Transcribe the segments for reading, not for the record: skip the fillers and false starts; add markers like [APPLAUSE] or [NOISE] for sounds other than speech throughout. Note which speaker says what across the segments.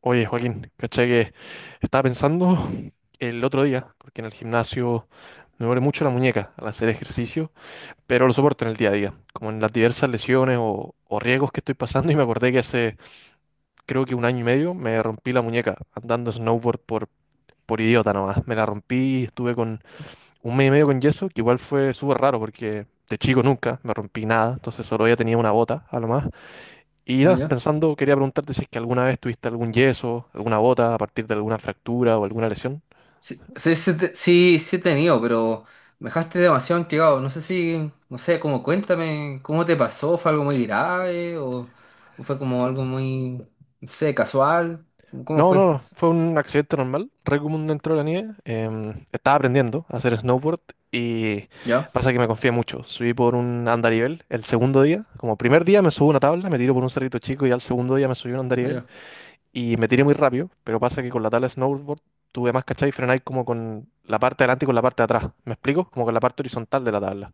Speaker 1: Oye, Joaquín, caché que estaba pensando el otro día, porque en el gimnasio me duele mucho la muñeca al hacer ejercicio, pero lo soporto en el día a día, como en las diversas lesiones o riesgos que estoy pasando, [LAUGHS] y me acordé que hace creo que un año y medio me rompí la muñeca andando snowboard por idiota nomás. Me la rompí, estuve con un mes y medio con yeso, que igual fue súper raro porque de chico nunca me rompí nada, entonces solo ya tenía una bota a lo más. Y
Speaker 2: Ah,
Speaker 1: nada,
Speaker 2: ya.
Speaker 1: pensando, quería preguntarte si es que alguna vez tuviste algún yeso, alguna bota a partir de alguna fractura o alguna lesión.
Speaker 2: Sí, sí, sí, sí, sí he tenido, pero me dejaste demasiado intrigado. No sé si, no sé, como cuéntame, ¿cómo te pasó? ¿Fue algo muy grave o fue como algo muy, no sé, casual? ¿Cómo
Speaker 1: No, no,
Speaker 2: fue?
Speaker 1: no, fue un accidente normal, re común dentro de la nieve. Estaba aprendiendo a hacer snowboard y
Speaker 2: ¿Ya?
Speaker 1: pasa que me confié mucho. Subí por un andarivel el segundo día. Como primer día me subí una tabla, me tiré por un cerrito chico y al segundo día me subí un
Speaker 2: Ah,
Speaker 1: andarivel
Speaker 2: ya.
Speaker 1: y me tiré muy rápido, pero pasa que con la tabla de snowboard tuve más cachai y frenáis como con la parte de adelante y con la parte de atrás. ¿Me explico? Como con la parte horizontal de la tabla.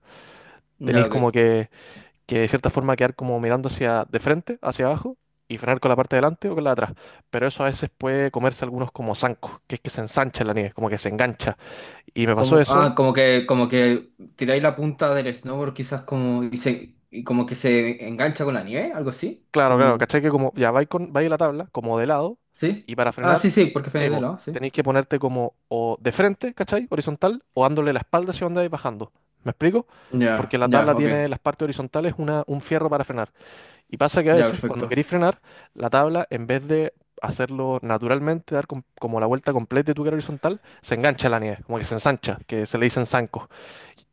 Speaker 2: Ya,
Speaker 1: Tenéis como
Speaker 2: ok.
Speaker 1: que de cierta forma quedar como mirando hacia de frente, hacia abajo, y frenar con la parte de delante o con la de atrás. Pero eso a veces puede comerse algunos como zancos, que es que se ensancha la nieve, como que se engancha. Y me pasó eso,
Speaker 2: Ah, como que tiráis la punta del snowboard quizás como, y como que se engancha con la nieve, algo así,
Speaker 1: claro, claro,
Speaker 2: como,
Speaker 1: ¿cachai? Que como ya vais la tabla, como de lado,
Speaker 2: ¿sí?
Speaker 1: y para
Speaker 2: Ah,
Speaker 1: frenar,
Speaker 2: sí, sí, porque
Speaker 1: sí,
Speaker 2: fue de
Speaker 1: po,
Speaker 2: lado, sí.
Speaker 1: tenéis que ponerte como o de frente, ¿cachai? Horizontal, o dándole la espalda hacia donde vais bajando. ¿Me explico? Porque
Speaker 2: Ya,
Speaker 1: la
Speaker 2: ya,
Speaker 1: tabla
Speaker 2: ok.
Speaker 1: tiene las partes horizontales una, un fierro para frenar. Y pasa que a
Speaker 2: Ya,
Speaker 1: veces cuando
Speaker 2: perfecto.
Speaker 1: queréis frenar, la tabla, en vez de hacerlo naturalmente, como la vuelta completa de tu cara horizontal, se engancha a la nieve, como que se ensancha, que se le dicen zancos.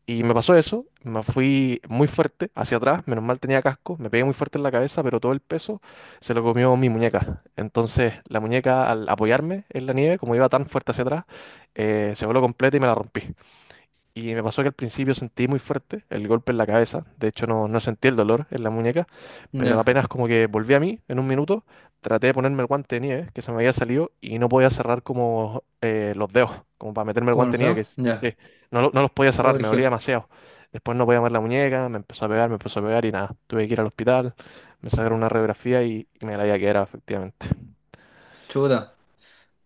Speaker 1: Y me pasó eso, me fui muy fuerte hacia atrás, menos mal tenía casco, me pegué muy fuerte en la cabeza, pero todo el peso se lo comió mi muñeca. Entonces la muñeca al apoyarme en la nieve, como iba tan fuerte hacia atrás, se voló completa y me la rompí. Y me pasó que al principio sentí muy fuerte el golpe en la cabeza. De hecho, no sentí el dolor en la muñeca. Pero
Speaker 2: Ya.
Speaker 1: apenas como que volví a mí en un minuto, traté de ponerme el guante de nieve que se me había salido y no podía cerrar como los dedos, como para meterme el
Speaker 2: ¿Cómo lo
Speaker 1: guante de
Speaker 2: sé?
Speaker 1: nieve,
Speaker 2: Ya.
Speaker 1: no, no los podía cerrar, me dolía
Speaker 2: Sergio,
Speaker 1: demasiado. Después no podía mover la muñeca, me empezó a pegar, me empezó a pegar y nada. Tuve que ir al hospital, me sacaron una radiografía y me la había quedado, efectivamente.
Speaker 2: chuta,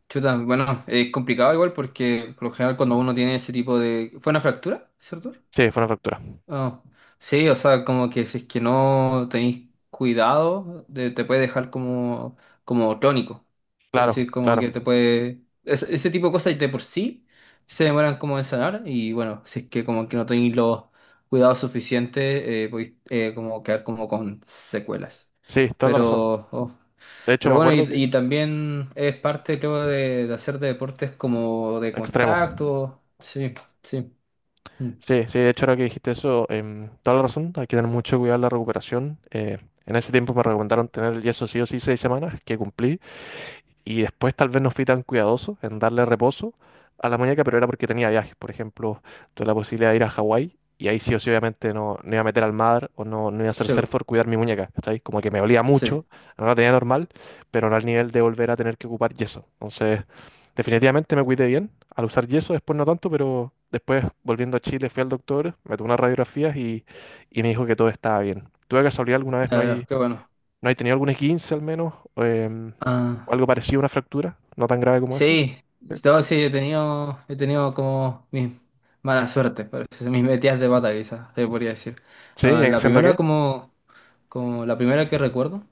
Speaker 2: chuta, bueno, es complicado igual porque por lo general cuando uno tiene ese tipo de. ¿Fue una fractura, cierto?
Speaker 1: Sí, fue una fractura.
Speaker 2: Ah, sí, o sea, como que si es que no tenéis cuidado, te puede dejar como, tónico. Es
Speaker 1: Claro,
Speaker 2: decir, como
Speaker 1: claro.
Speaker 2: que te puede. Ese tipo de cosas de por sí se demoran como en sanar y bueno, si es que como que no tenéis los cuidados suficientes, podéis como quedar como con secuelas.
Speaker 1: Sí, toda la razón.
Speaker 2: Pero, oh,
Speaker 1: De hecho,
Speaker 2: pero
Speaker 1: me
Speaker 2: bueno,
Speaker 1: acuerdo que
Speaker 2: y, también es parte, creo, de hacer deportes como de
Speaker 1: extremo.
Speaker 2: contacto. Sí, sí, mm,
Speaker 1: Sí, sí, de hecho ahora que dijiste eso, toda la razón, hay que tener mucho cuidado en la recuperación. En ese tiempo me recomendaron tener el yeso sí o sí 6 semanas, que cumplí. Y después tal vez no fui tan cuidadoso en darle reposo a la muñeca, pero era porque tenía viajes. Por ejemplo, tuve la posibilidad de ir a Hawái y ahí sí o sí obviamente no iba a meter al mar o no iba a hacer
Speaker 2: sí,
Speaker 1: surf por cuidar mi muñeca, ¿cachai? Como que me olía
Speaker 2: sí,
Speaker 1: mucho, no la tenía normal, pero no al nivel de volver a tener que ocupar yeso. Entonces, definitivamente me cuidé bien al usar yeso, después no tanto, pero después volviendo a Chile fui al doctor, me tomó unas radiografías y me dijo que todo estaba bien. ¿Tú de casualidad alguna vez
Speaker 2: ya
Speaker 1: no
Speaker 2: veo,
Speaker 1: hay,
Speaker 2: qué bueno.
Speaker 1: ¿no hay tenido algún esguince al menos? em, ¿O
Speaker 2: Ah,
Speaker 1: algo parecido a una fractura? ¿No tan grave como eso?
Speaker 2: sí,
Speaker 1: ¿Sí?
Speaker 2: no, sí, he tenido, como mis mala suerte, parece, [LAUGHS] mis metidas de pata, quizás, se podría decir.
Speaker 1: ¿Sí? ¿Y
Speaker 2: Ah, la
Speaker 1: haciendo
Speaker 2: primera,
Speaker 1: qué?
Speaker 2: como la primera que recuerdo,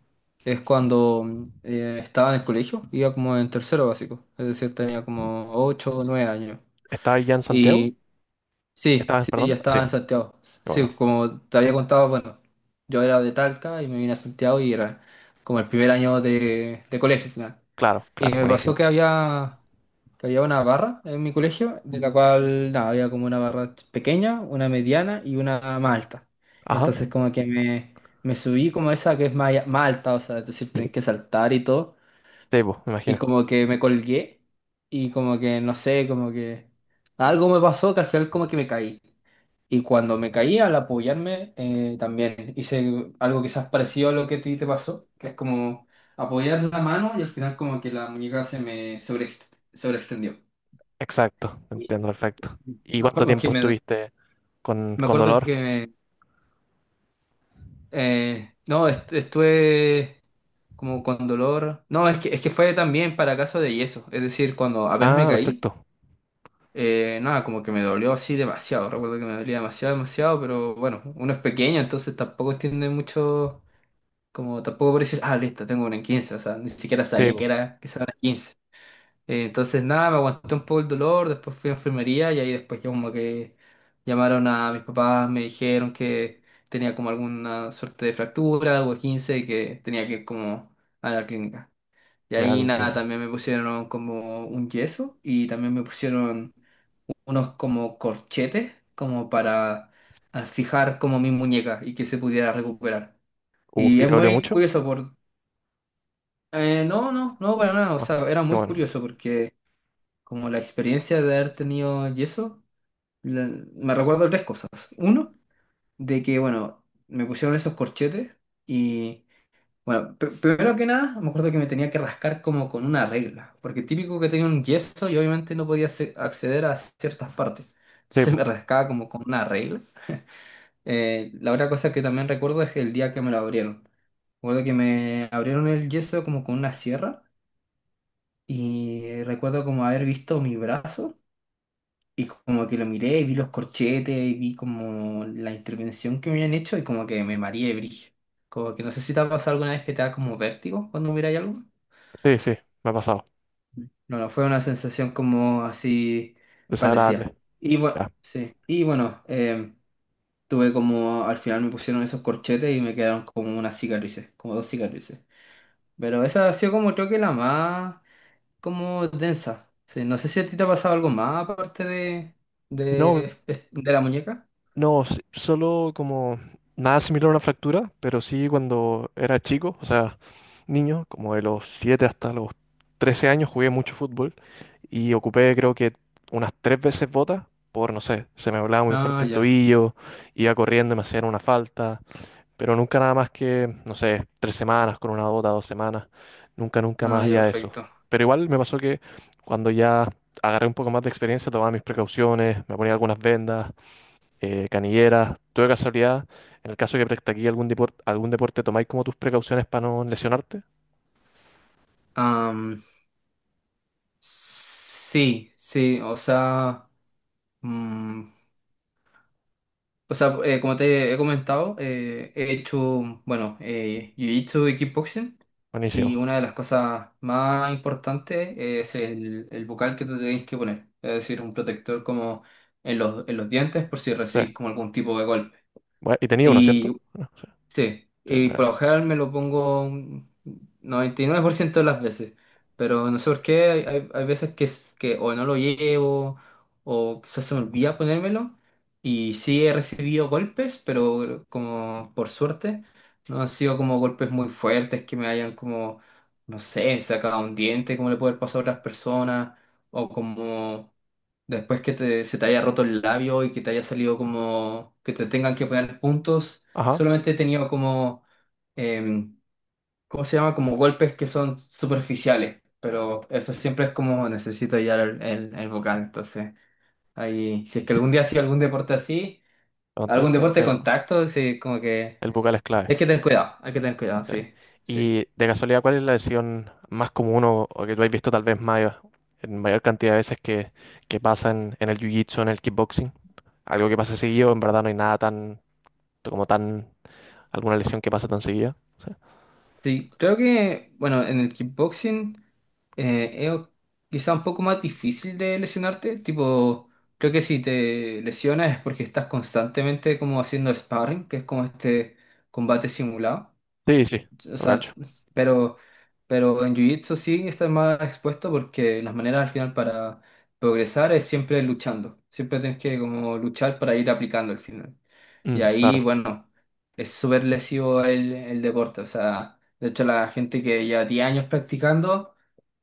Speaker 2: es cuando estaba en el colegio, iba como en tercero básico, es decir, tenía como 8 o 9 años.
Speaker 1: ¿Estabas ya en Santiago?
Speaker 2: Sí,
Speaker 1: ¿Estabas,
Speaker 2: sí, ya
Speaker 1: perdón? Sí,
Speaker 2: estaba en Santiago.
Speaker 1: qué
Speaker 2: Sí,
Speaker 1: bueno.
Speaker 2: como te había contado, bueno, yo era de Talca y me vine a Santiago y era como el primer año de, colegio al final.
Speaker 1: Claro,
Speaker 2: Y
Speaker 1: claro,
Speaker 2: me pasó
Speaker 1: buenísimo.
Speaker 2: que había una barra en mi colegio, de la cual nada, había como una barra pequeña, una mediana y una más alta.
Speaker 1: Ajá.
Speaker 2: Entonces como que me subí como esa que es más alta, o sea, es decir, tenés que saltar y todo.
Speaker 1: Tebo, me
Speaker 2: Y
Speaker 1: imagino.
Speaker 2: como que me colgué y como que, no sé, como que algo me pasó que al final como que me caí. Y cuando me caí al apoyarme, también hice algo quizás parecido a lo que a ti te pasó, que es como apoyar la mano y al final como que la muñeca se me sobreextendió.
Speaker 1: Exacto, te
Speaker 2: Y
Speaker 1: entiendo perfecto.
Speaker 2: [LAUGHS]
Speaker 1: ¿Y
Speaker 2: Me
Speaker 1: cuánto
Speaker 2: acuerdo que
Speaker 1: tiempo
Speaker 2: me,
Speaker 1: estuviste con,
Speaker 2: me
Speaker 1: con
Speaker 2: acuerdo
Speaker 1: dolor?
Speaker 2: que no, estuve como con dolor. No, es que fue también para caso de yeso, es decir, cuando apenas
Speaker 1: Ah,
Speaker 2: me caí.
Speaker 1: perfecto.
Speaker 2: Nada, como que me dolió así demasiado. Recuerdo que me dolía demasiado, demasiado, pero bueno, uno es pequeño, entonces tampoco entiende mucho, como tampoco por decir, ah, listo, tengo una en 15 o sea, ni siquiera sabía que
Speaker 1: Tebo,
Speaker 2: era que era una 15. Entonces nada, me aguanté un poco el dolor, después fui a enfermería y ahí después ya como que llamaron a mis papás, me dijeron que tenía como alguna suerte de fractura, algo de 15, y que tenía que ir como a la clínica. Y
Speaker 1: ya te
Speaker 2: ahí nada,
Speaker 1: entiendo.
Speaker 2: también me pusieron como un yeso y también me pusieron unos como corchetes, como para fijar como mi muñeca y que se pudiera recuperar. Y
Speaker 1: ¿Y
Speaker 2: es
Speaker 1: te dolió
Speaker 2: muy
Speaker 1: mucho?
Speaker 2: curioso por. No, no, no, para nada. O
Speaker 1: Ah,
Speaker 2: sea, era
Speaker 1: qué
Speaker 2: muy
Speaker 1: bueno.
Speaker 2: curioso porque como la experiencia de haber tenido yeso, la- me recuerdo tres cosas. Uno, de que, bueno, me pusieron esos corchetes y. Bueno, primero que nada, me acuerdo que me tenía que rascar como con una regla, porque típico que tenía un yeso y obviamente no podía acceder a ciertas partes. Entonces
Speaker 1: Tebo,
Speaker 2: me rascaba como con una regla. La otra cosa que también recuerdo es el día que me lo abrieron. Recuerdo que me abrieron el yeso como con una sierra y recuerdo como haber visto mi brazo y como que lo miré y vi los corchetes y vi como la intervención que me habían hecho y como que me mareé brillo. Como que no sé si te ha pasado alguna vez que te da como vértigo cuando miras algo.
Speaker 1: sí, sí, me ha pasado.
Speaker 2: No, no, fue una sensación como así parecía.
Speaker 1: Desagradable.
Speaker 2: Y bueno,
Speaker 1: Ya.
Speaker 2: sí. Y bueno, tuve como, al final me pusieron esos corchetes y me quedaron como unas cicatrices, como dos cicatrices. Pero esa ha sido como creo que la más como densa. Sí, no sé si a ti te ha pasado algo más aparte
Speaker 1: No,
Speaker 2: de, de la muñeca.
Speaker 1: no, solo como nada similar a una fractura, pero sí cuando era chico, o sea, niño, como de los 7 hasta los 13 años jugué mucho fútbol y ocupé creo que unas 3 veces botas por, no sé, se me doblaba muy
Speaker 2: Ah,
Speaker 1: fuerte el
Speaker 2: ya.
Speaker 1: tobillo, iba corriendo y me hacían una falta, pero nunca nada más que, no sé, 3 semanas con una bota, 2 semanas, nunca, nunca
Speaker 2: Ah,
Speaker 1: más
Speaker 2: ya,
Speaker 1: allá de eso.
Speaker 2: perfecto.
Speaker 1: Pero igual me pasó que cuando ya agarré un poco más de experiencia, tomaba mis precauciones, me ponía algunas vendas canilleras. ¿Tú de casualidad, en el caso que practiqué algún deporte, tomáis como tus precauciones para no lesionarte?
Speaker 2: Am, sí, sí, o sea, mm, o sea, como te he comentado, he hecho, bueno, jiu-jitsu y kickboxing. Y
Speaker 1: Buenísimo.
Speaker 2: una de las cosas más importantes es el bucal que te tenéis que poner. Es decir, un protector como en los dientes por si
Speaker 1: Sí.
Speaker 2: recibís como algún tipo de golpe.
Speaker 1: Bue- y tenía uno,
Speaker 2: Y
Speaker 1: ¿cierto? Bueno, sí,
Speaker 2: Sí,
Speaker 1: sí,
Speaker 2: y
Speaker 1: bueno.
Speaker 2: por lo general me lo pongo un 99% de las veces, pero no sé por qué, hay veces que o no lo llevo o quizás se me olvida ponérmelo y sí he recibido golpes, pero como por suerte no han sido como golpes muy fuertes que me hayan como, no sé, sacado un diente como le puede pasar a otras personas o como. Después que se te haya roto el labio y que te haya salido como que te tengan que poner puntos,
Speaker 1: Ajá,
Speaker 2: solamente he tenido como, em, ¿cómo se llama? Como golpes que son superficiales, pero eso siempre es como necesito ya el vocal. Entonces, ahí, si es que algún día hacía algún deporte así,
Speaker 1: aguanta
Speaker 2: algún
Speaker 1: esta, sí,
Speaker 2: deporte de contacto, sí, como que
Speaker 1: el bucal es clave.
Speaker 2: hay que tener cuidado, hay que tener cuidado,
Speaker 1: Sí.
Speaker 2: sí, sí.
Speaker 1: Y de casualidad, ¿cuál es la lesión más común o que tú has visto tal vez mayor, en mayor cantidad de veces que pasa en el jiu-jitsu, en el kickboxing? Algo que pasa seguido, en verdad no hay nada tan, como tan, alguna lesión que pasa tan seguida.
Speaker 2: Sí, creo que, bueno, en el kickboxing es quizá un poco más difícil de lesionarte. Tipo, creo que si te lesionas es porque estás constantemente como haciendo sparring, que es como este combate simulado.
Speaker 1: Sí, sí, sí,
Speaker 2: O
Speaker 1: lo
Speaker 2: sea,
Speaker 1: cacho.
Speaker 2: pero en Jiu-Jitsu sí estás más expuesto porque las maneras al final para progresar es siempre luchando. Siempre tienes que como luchar para ir aplicando al final. Y
Speaker 1: Mm,
Speaker 2: ahí,
Speaker 1: claro,
Speaker 2: bueno, es súper lesivo el deporte. O sea, de hecho la gente que lleva 10 años practicando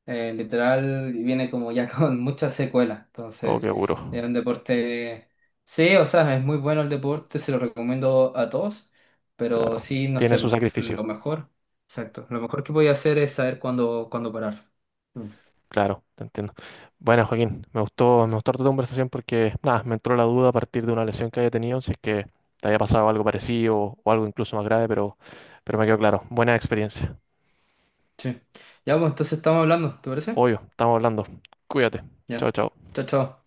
Speaker 2: literal viene como ya [LAUGHS] con muchas secuelas.
Speaker 1: oh,
Speaker 2: Entonces,
Speaker 1: qué
Speaker 2: es
Speaker 1: duro.
Speaker 2: un deporte. Sí, o sea, es muy bueno el deporte, se lo recomiendo a todos, pero
Speaker 1: Claro,
Speaker 2: sí, no
Speaker 1: tiene
Speaker 2: sé,
Speaker 1: su
Speaker 2: pues, lo
Speaker 1: sacrificio,
Speaker 2: mejor. Exacto. Lo mejor que voy a hacer es saber cuándo, cuándo parar. Mm,
Speaker 1: claro, te entiendo. Bueno, Joaquín, me gustó harto tu conversación porque, nada, me entró la duda a partir de una lesión que haya tenido, si es que te había pasado algo parecido o algo incluso más grave, pero me quedó claro. Buena experiencia.
Speaker 2: sí. Ya, pues entonces estamos hablando, ¿te parece?
Speaker 1: Obvio, estamos hablando. Cuídate. Chao,
Speaker 2: Ya.
Speaker 1: chao.
Speaker 2: Chao, chao.